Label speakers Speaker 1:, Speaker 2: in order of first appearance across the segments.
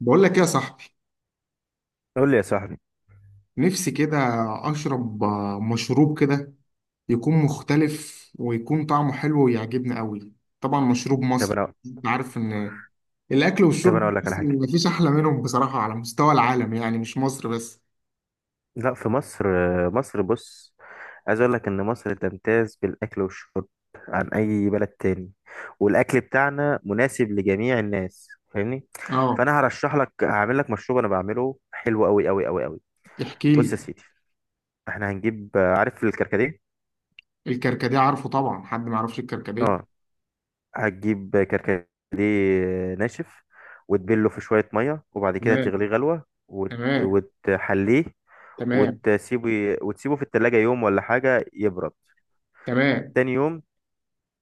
Speaker 1: بقول لك ايه يا صاحبي؟
Speaker 2: قول لي يا صاحبي.
Speaker 1: نفسي كده اشرب مشروب كده يكون مختلف، ويكون طعمه حلو ويعجبني قوي. طبعا مشروب
Speaker 2: طب
Speaker 1: مصري،
Speaker 2: انا
Speaker 1: انت عارف ان الاكل
Speaker 2: طب انا
Speaker 1: والشرب
Speaker 2: اقول لك على
Speaker 1: المصري
Speaker 2: حاجه.
Speaker 1: مفيش احلى منهم بصراحة، على مستوى العالم يعني، مش مصر بس.
Speaker 2: لا، في مصر، بص، عايز اقول لك ان مصر تمتاز بالاكل والشرب عن اي بلد تاني، والاكل بتاعنا مناسب لجميع الناس، فاهمني؟
Speaker 1: اه،
Speaker 2: فانا هرشح لك، هعمل لك مشروب انا بعمله حلو قوي قوي قوي قوي.
Speaker 1: احكي
Speaker 2: بص
Speaker 1: لي.
Speaker 2: يا سيدي، احنا هنجيب، عارف الكركديه؟
Speaker 1: الكركديه عارفه طبعا، حد ما يعرفش
Speaker 2: اه،
Speaker 1: الكركديه؟
Speaker 2: هتجيب كركديه ناشف وتبله في شويه ميه، وبعد كده
Speaker 1: تمام،
Speaker 2: تغليه غلوه
Speaker 1: تمام،
Speaker 2: وتحليه،
Speaker 1: تمام،
Speaker 2: وتسيبه في التلاجة يوم ولا حاجة يبرد.
Speaker 1: تمام.
Speaker 2: تاني يوم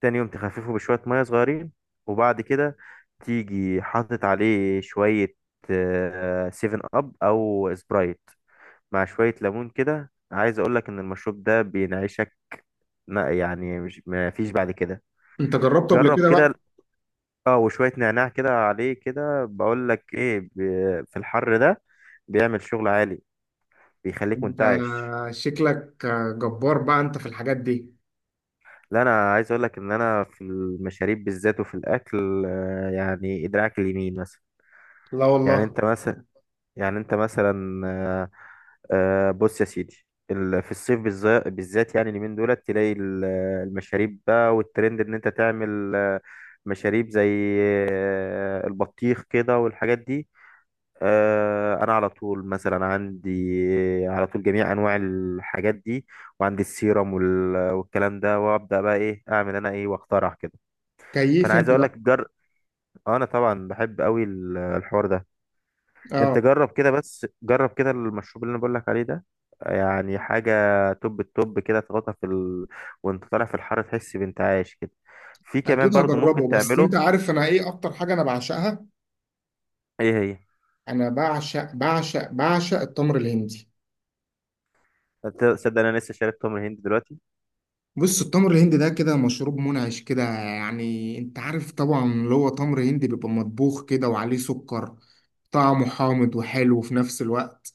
Speaker 2: تاني يوم تخففه بشوية مية صغيرين، وبعد كده تيجي حاطط عليه شوية سيفن أب أو سبرايت مع شوية ليمون كده. عايز أقولك إن المشروب ده بينعشك، لا يعني مش ما فيش بعد كده.
Speaker 1: انت جربته قبل
Speaker 2: جرب
Speaker 1: كده
Speaker 2: كده،
Speaker 1: بقى؟
Speaker 2: اه، وشوية نعناع كده عليه كده. بقولك ايه، في الحر ده بيعمل شغل عالي، بيخليك
Speaker 1: انت
Speaker 2: منتعش.
Speaker 1: شكلك جبار بقى انت في الحاجات دي.
Speaker 2: لا، انا عايز اقول لك ان انا في المشاريب بالذات وفي الاكل، يعني ادراك اليمين مثلا.
Speaker 1: لا
Speaker 2: يعني
Speaker 1: والله.
Speaker 2: انت مثلا، يعني انت مثلا آه، بص يا سيدي، في الصيف بالذات يعني اليمين دولت، تلاقي المشاريب بقى، والترند ان انت تعمل مشاريب زي البطيخ كده والحاجات دي. انا على طول مثلا عندي، على طول جميع انواع الحاجات دي، وعندي السيرم والكلام ده، وابدا بقى ايه، اعمل انا ايه واخترع كده. فانا
Speaker 1: كيف
Speaker 2: عايز
Speaker 1: انت
Speaker 2: اقول
Speaker 1: بقى!
Speaker 2: لك، جر آه، انا طبعا بحب قوي الحوار ده.
Speaker 1: آه.
Speaker 2: انت جرب كده، بس جرب كده المشروب اللي انا بقول لك عليه ده، يعني حاجه توب التوب كده، تغطى في ال... وانت طالع في الحر تحس بانت عايش كده. في كمان
Speaker 1: اكيد
Speaker 2: برضو ممكن
Speaker 1: هجربه، بس انت
Speaker 2: تعمله.
Speaker 1: عارف انا ايه اكتر حاجه انا بعشقها؟
Speaker 2: ايه هي؟
Speaker 1: انا بعشق بعشق بعشق التمر الهندي.
Speaker 2: أنت تصدق انا لسه شارب تمر هند دلوقتي.
Speaker 1: بص، التمر الهندي ده كده مشروب منعش كده يعني. انت عارف طبعا اللي هو تمر هندي بيبقى مطبوخ كده وعليه سكر. طعمه حامض وحلو في نفس الوقت.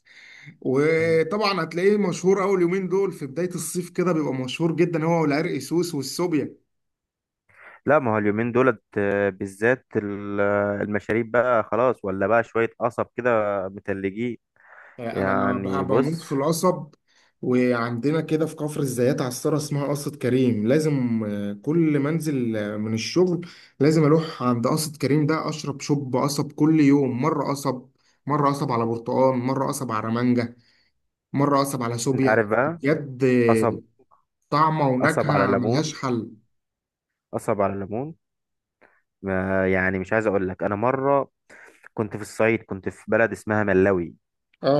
Speaker 2: مم.
Speaker 1: وطبعا هتلاقيه مشهور اول يومين دول في بدايه الصيف، كده بيبقى مشهور جدا، هو والعرق سوس والسوبيا.
Speaker 2: لا، ما هو اليومين دولت بالذات المشاريب بقى خلاص، ولا بقى شويه قصب كده متلجين.
Speaker 1: انا
Speaker 2: يعني
Speaker 1: بموت
Speaker 2: بص،
Speaker 1: في القصب. وعندنا كده في كفر الزيات عصارة اسمها قصة كريم. لازم كل ما انزل من الشغل، لازم اروح عند قصة كريم ده اشرب شوب قصب. كل يوم مرة قصب، مرة قصب على برتقال، مرة قصب على مانجا، مرة قصب على
Speaker 2: انت
Speaker 1: سوبيا
Speaker 2: عارف بقى؟
Speaker 1: بجد.
Speaker 2: قصب،
Speaker 1: طعمة
Speaker 2: قصب على
Speaker 1: ونكهة
Speaker 2: ليمون
Speaker 1: ملهاش حل.
Speaker 2: قصب على ليمون، ما يعني مش عايز اقول لك، انا مره كنت في الصعيد، كنت في بلد اسمها ملاوي.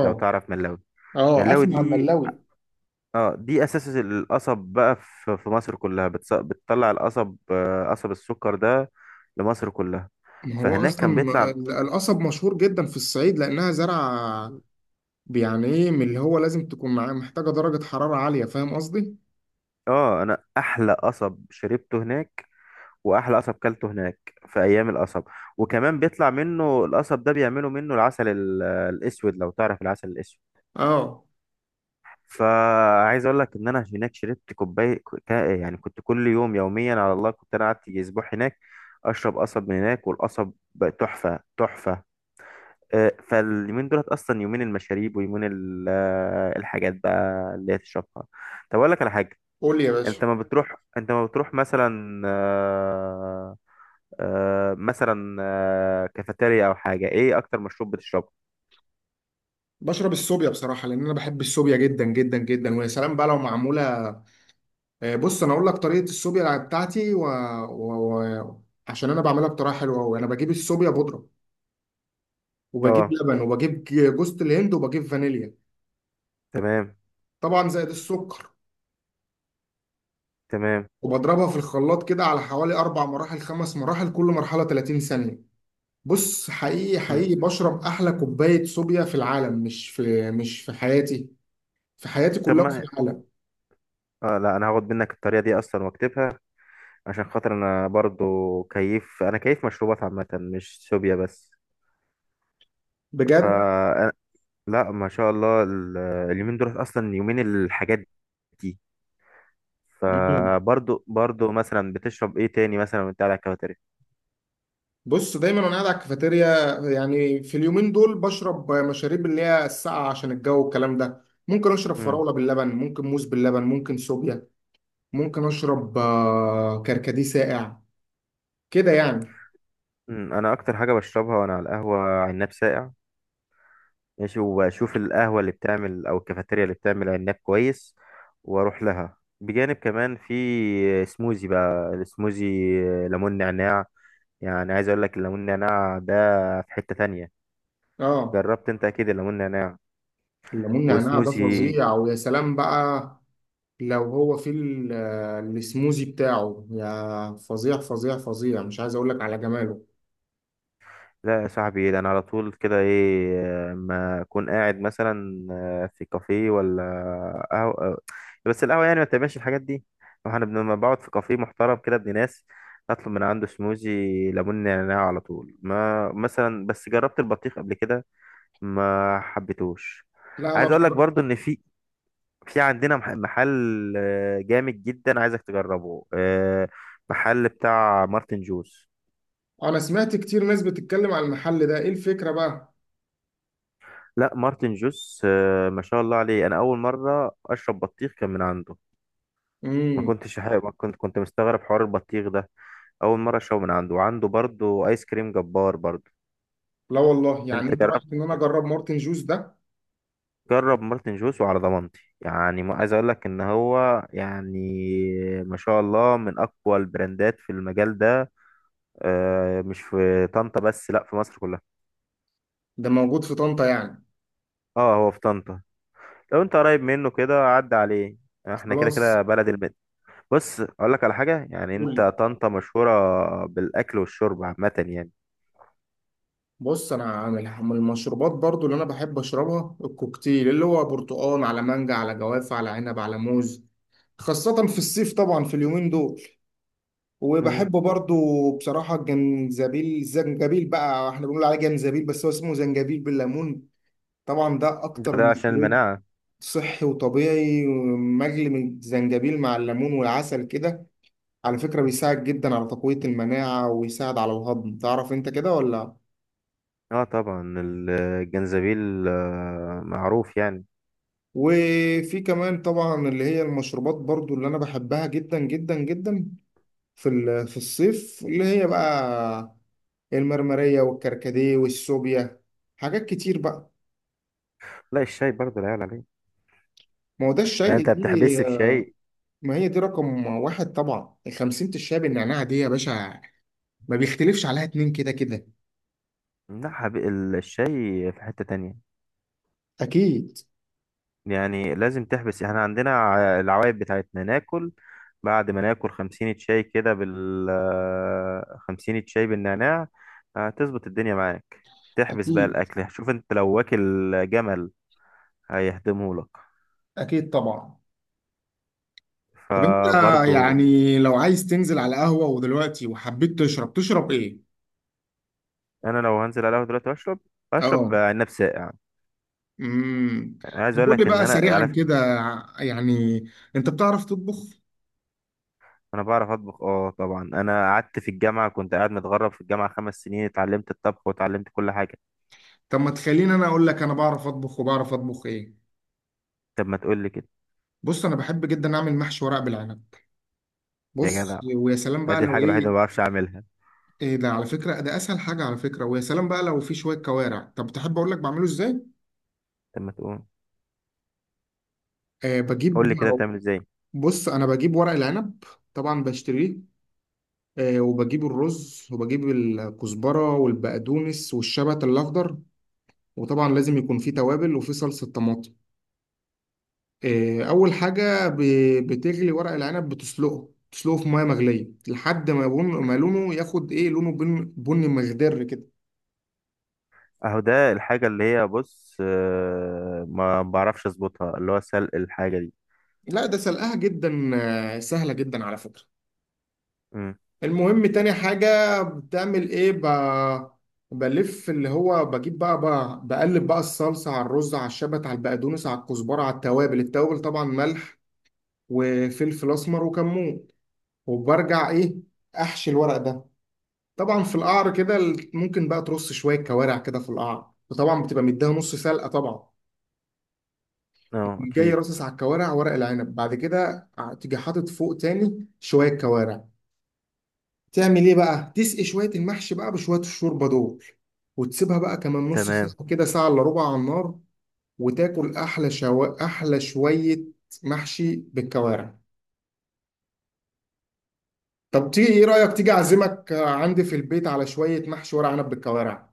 Speaker 2: لو تعرف ملاوي،
Speaker 1: اه،
Speaker 2: ملاوي
Speaker 1: اسمع
Speaker 2: دي،
Speaker 1: الملاوي.
Speaker 2: اه، دي اساس القصب بقى، في مصر كلها بتطلع القصب، قصب السكر ده، لمصر كلها.
Speaker 1: ما هو
Speaker 2: فهناك كان
Speaker 1: اصلا
Speaker 2: بيطلع،
Speaker 1: القصب مشهور جدا في الصعيد، لانها زرعة يعني ايه، من اللي هو لازم تكون معاه، محتاجة درجة حرارة عالية. فاهم قصدي؟
Speaker 2: اه، انا احلى قصب شربته هناك، واحلى قصب كلته هناك، في ايام القصب. وكمان بيطلع منه القصب ده، بيعملوا منه العسل الاسود. لو تعرف العسل الاسود،
Speaker 1: اه.
Speaker 2: فعايز اقول لك ان انا هناك شربت كوبايه، يعني كنت كل يوم يوميا على الله، كنت انا قعدت يجي اسبوع هناك اشرب قصب من هناك، والقصب بقى تحفه تحفه. فاليومين دولت اصلا يومين المشاريب، ويومين الحاجات بقى اللي هي تشربها. طب اقول لك على حاجه،
Speaker 1: قول لي يا باشا.
Speaker 2: انت ما بتروح انت ما بتروح مثلا مثلا كافيتيريا او حاجه، ايه اكتر مشروب بتشربه؟
Speaker 1: بشرب السوبيا بصراحة، لأن أنا بحب السوبيا جدا جدا جدا، ويا سلام بقى لو معمولة. بص أنا أقول لك طريقة السوبيا بتاعتي و... و... عشان أنا بعملها بطريقة حلوة أوي. أنا بجيب السوبيا بودرة، وبجيب
Speaker 2: اه.
Speaker 1: لبن، وبجيب جوز الهند، وبجيب فانيليا.
Speaker 2: تمام،
Speaker 1: طبعا زائد السكر.
Speaker 2: تمام.
Speaker 1: وبضربها في الخلاط كده، على حوالي أربع مراحل، خمس مراحل، كل مرحلة 30 ثانية. بص، حقيقي
Speaker 2: مم.
Speaker 1: حقيقي بشرب احلى كوبايه صوبيا في العالم، مش في حياتي، في حياتي
Speaker 2: طب
Speaker 1: كلها وفي
Speaker 2: ما،
Speaker 1: العالم.
Speaker 2: اه، لا انا هاخد منك الطريقه دي اصلا واكتبها، عشان خاطر انا برضو كيف، انا كيف مشروبات عامه، مش سوبيا بس. ف،
Speaker 1: بجد
Speaker 2: لا ما شاء الله اليومين دول اصلا يومين الحاجات دي.
Speaker 1: مهم.
Speaker 2: فبرضو مثلا بتشرب ايه تاني مثلا وانت قاعد على الكافيتيريا؟
Speaker 1: بص، دايما وانا قاعد على الكافيتيريا، يعني في اليومين دول بشرب مشاريب اللي هي الساقعه عشان الجو والكلام ده. ممكن اشرب
Speaker 2: امم.
Speaker 1: فراوله باللبن، ممكن موز باللبن، ممكن صوبيا، ممكن اشرب كركديه ساقع، كده يعني.
Speaker 2: أمم، انا اكتر حاجه بشربها وانا على القهوه، عناب ساقع، ماشي؟ واشوف القهوة اللي بتعمل او الكافيتيريا اللي بتعمل عناب كويس واروح لها. بجانب كمان في سموزي بقى، السموزي ليمون نعناع، يعني عايز اقول لك الليمون نعناع ده في حتة تانية.
Speaker 1: اه.
Speaker 2: جربت انت اكيد الليمون نعناع
Speaker 1: الليمون نعناع ده
Speaker 2: وسموزي.
Speaker 1: فظيع، ويا سلام بقى لو هو في السموزي بتاعه، يا فظيع فظيع فظيع، مش عايز اقول لك على جماله.
Speaker 2: لا يا صاحبي، ده انا على طول كده، ايه ما اكون قاعد مثلا في كافيه ولا قهوه، بس القهوه يعني ما بتعملش الحاجات دي. احنا لما بقعد في كافيه محترم كده، ابن ناس، اطلب من عنده سموزي ليمون نعناع على طول. ما مثلا بس جربت البطيخ قبل كده ما حبيتهوش.
Speaker 1: لا انا
Speaker 2: عايز اقول لك
Speaker 1: بصراحة.
Speaker 2: برضو ان في، في عندنا محل جامد جدا، عايزك تجربه، محل بتاع مارتن جوز.
Speaker 1: انا سمعت كتير ناس بتتكلم على المحل ده. ايه الفكرة بقى؟
Speaker 2: لا مارتن جوس، ما شاء الله عليه. انا اول مره اشرب بطيخ كان من عنده،
Speaker 1: امم.
Speaker 2: ما كنت، كنت مستغرب حوار البطيخ ده. اول مره اشربه من عنده، وعنده برضه ايس كريم جبار برضه.
Speaker 1: لا والله، يعني
Speaker 2: انت
Speaker 1: انت
Speaker 2: جرب،
Speaker 1: رايك ان انا اجرب مارتن جوز ده؟
Speaker 2: جرب مارتن جوس وعلى ضمانتي. يعني ما عايز اقول لك ان هو يعني ما شاء الله من اقوى البراندات في المجال ده، مش في طنطا بس، لا في مصر كلها.
Speaker 1: ده موجود في طنطا يعني؟
Speaker 2: اه هو في طنطا، لو انت قريب منه كده عدى عليه، احنا كده
Speaker 1: خلاص.
Speaker 2: كده بلد. بص اقول لك على حاجه، يعني
Speaker 1: قول.
Speaker 2: انت طنطا مشهوره بالاكل والشرب عامه يعني.
Speaker 1: بص، انا عامل من المشروبات برضو اللي انا بحب اشربها الكوكتيل، اللي هو برتقال على مانجا على جوافة على عنب على موز. خاصة في الصيف طبعا، في اليومين دول.
Speaker 2: امم.
Speaker 1: وبحبه برضو. بصراحة الزنجبيل بقى، احنا بنقول عليه جنزبيل بس هو اسمه زنجبيل، بالليمون. طبعا ده أكتر
Speaker 2: ده عشان
Speaker 1: مشروب
Speaker 2: المناعه.
Speaker 1: صحي وطبيعي، مجلي، من الزنجبيل مع الليمون والعسل كده. على فكرة بيساعد جدا على تقوية المناعة، ويساعد على الهضم. تعرف انت كده ولا؟
Speaker 2: اه طبعا الجنزبيل معروف يعني.
Speaker 1: وفي كمان طبعا اللي هي المشروبات برضو اللي انا بحبها جدا جدا جدا، في في الصيف، اللي هي بقى المرمرية والكركديه والسوبيا. حاجات كتير بقى.
Speaker 2: لا الشاي برضه لا يعلى عليه.
Speaker 1: ما هو ده الشاي
Speaker 2: يعني
Speaker 1: دي.
Speaker 2: انت بتحبس في شاي؟
Speaker 1: ما هي دي رقم واحد طبعا، الخمسين الشاي بالنعناع دي يا باشا، ما بيختلفش عليها اتنين، كده كده.
Speaker 2: لا الشاي في حته تانية،
Speaker 1: أكيد،
Speaker 2: يعني لازم تحبس. احنا عندنا العوايد بتاعتنا، ناكل، بعد ما ناكل 50 شاي كده بال آه، 50 شاي بالنعناع، هتظبط الدنيا معاك. تحبس بقى
Speaker 1: أكيد،
Speaker 2: الاكل، شوف انت لو واكل جمل هيهدمه لك.
Speaker 1: أكيد، طبعا. طب أنت،
Speaker 2: فبرضو،
Speaker 1: يعني لو عايز تنزل على قهوة ودلوقتي وحبيت تشرب إيه؟
Speaker 2: انا لو هنزل على القهوه دلوقتي واشرب، اشرب
Speaker 1: أه.
Speaker 2: عناب ساقع يعني.
Speaker 1: امم.
Speaker 2: عايز
Speaker 1: طب
Speaker 2: اقول
Speaker 1: قول لي
Speaker 2: لك ان
Speaker 1: بقى
Speaker 2: انا على
Speaker 1: سريعا
Speaker 2: فكرة،
Speaker 1: كده، يعني أنت بتعرف تطبخ؟
Speaker 2: انا بعرف اطبخ، اه طبعا. انا قعدت في الجامعه، كنت قاعد متغرب في الجامعه 5 سنين، اتعلمت الطبخ واتعلمت كل حاجه.
Speaker 1: طب ما تخليني أنا أقول لك، أنا بعرف أطبخ، وبعرف أطبخ إيه؟
Speaker 2: طب ما تقول لي كده.
Speaker 1: بص، أنا بحب جدا أعمل محشي ورق بالعنب.
Speaker 2: يا جدع،
Speaker 1: بص، ويا سلام بقى
Speaker 2: ادي
Speaker 1: لو
Speaker 2: الحاجه الوحيده
Speaker 1: إيه.
Speaker 2: اللي ما بعرفش اعملها.
Speaker 1: ايه ده، على فكرة ده اسهل حاجة، على فكرة ويا سلام بقى لو في شوية كوارع. طب تحب اقول لك بعمله ازاي؟
Speaker 2: طب ما تقول،
Speaker 1: آه
Speaker 2: قول
Speaker 1: بجيب
Speaker 2: لي كده بتعمل ازاي.
Speaker 1: بص، انا بجيب ورق العنب، طبعا بشتريه. وبجيب الرز، وبجيب الكزبرة والبقدونس والشبت الاخضر، وطبعا لازم يكون فيه توابل، وفيه صلصة طماطم. اول حاجة بتغلي ورق العنب، تسلقه في ميه مغليه لحد ما يبون، ما لونه ياخد ايه، لونه بني مخضر كده.
Speaker 2: اهو ده الحاجه اللي هي، بص، ما بعرفش اظبطها، اللي هو سلق الحاجه دي.
Speaker 1: لا ده سلقها جدا سهله جدا على فكره.
Speaker 2: امم.
Speaker 1: المهم تاني حاجة بتعمل ايه؟ بلف، اللي هو بجيب بقى, بقى بقلب بقى الصلصة على الرز، على الشبت، على البقدونس، على الكزبرة، على التوابل، التوابل طبعا ملح وفلفل أسمر وكمون. وبرجع ايه؟ أحشي الورق ده. طبعا في القعر كده ممكن بقى ترص شوية كوارع كده في القعر، وطبعا بتبقى مديها نص سلقة طبعا.
Speaker 2: اه
Speaker 1: جاي
Speaker 2: اكيد.
Speaker 1: رصص على الكوارع ورق العنب، بعد كده تيجي حاطط فوق تاني شوية كوارع. تعمل ايه بقى؟ تسقي شويه المحشي بقى بشويه الشوربه دول، وتسيبها بقى كمان نص
Speaker 2: تمام.
Speaker 1: ساعه كده، ساعه الا ربع على النار. وتاكل احلى شويه محشي بالكوارع. طب تيجي، ايه رايك تيجي اعزمك عندي في البيت على شويه محشي ورق عنب بالكوارع؟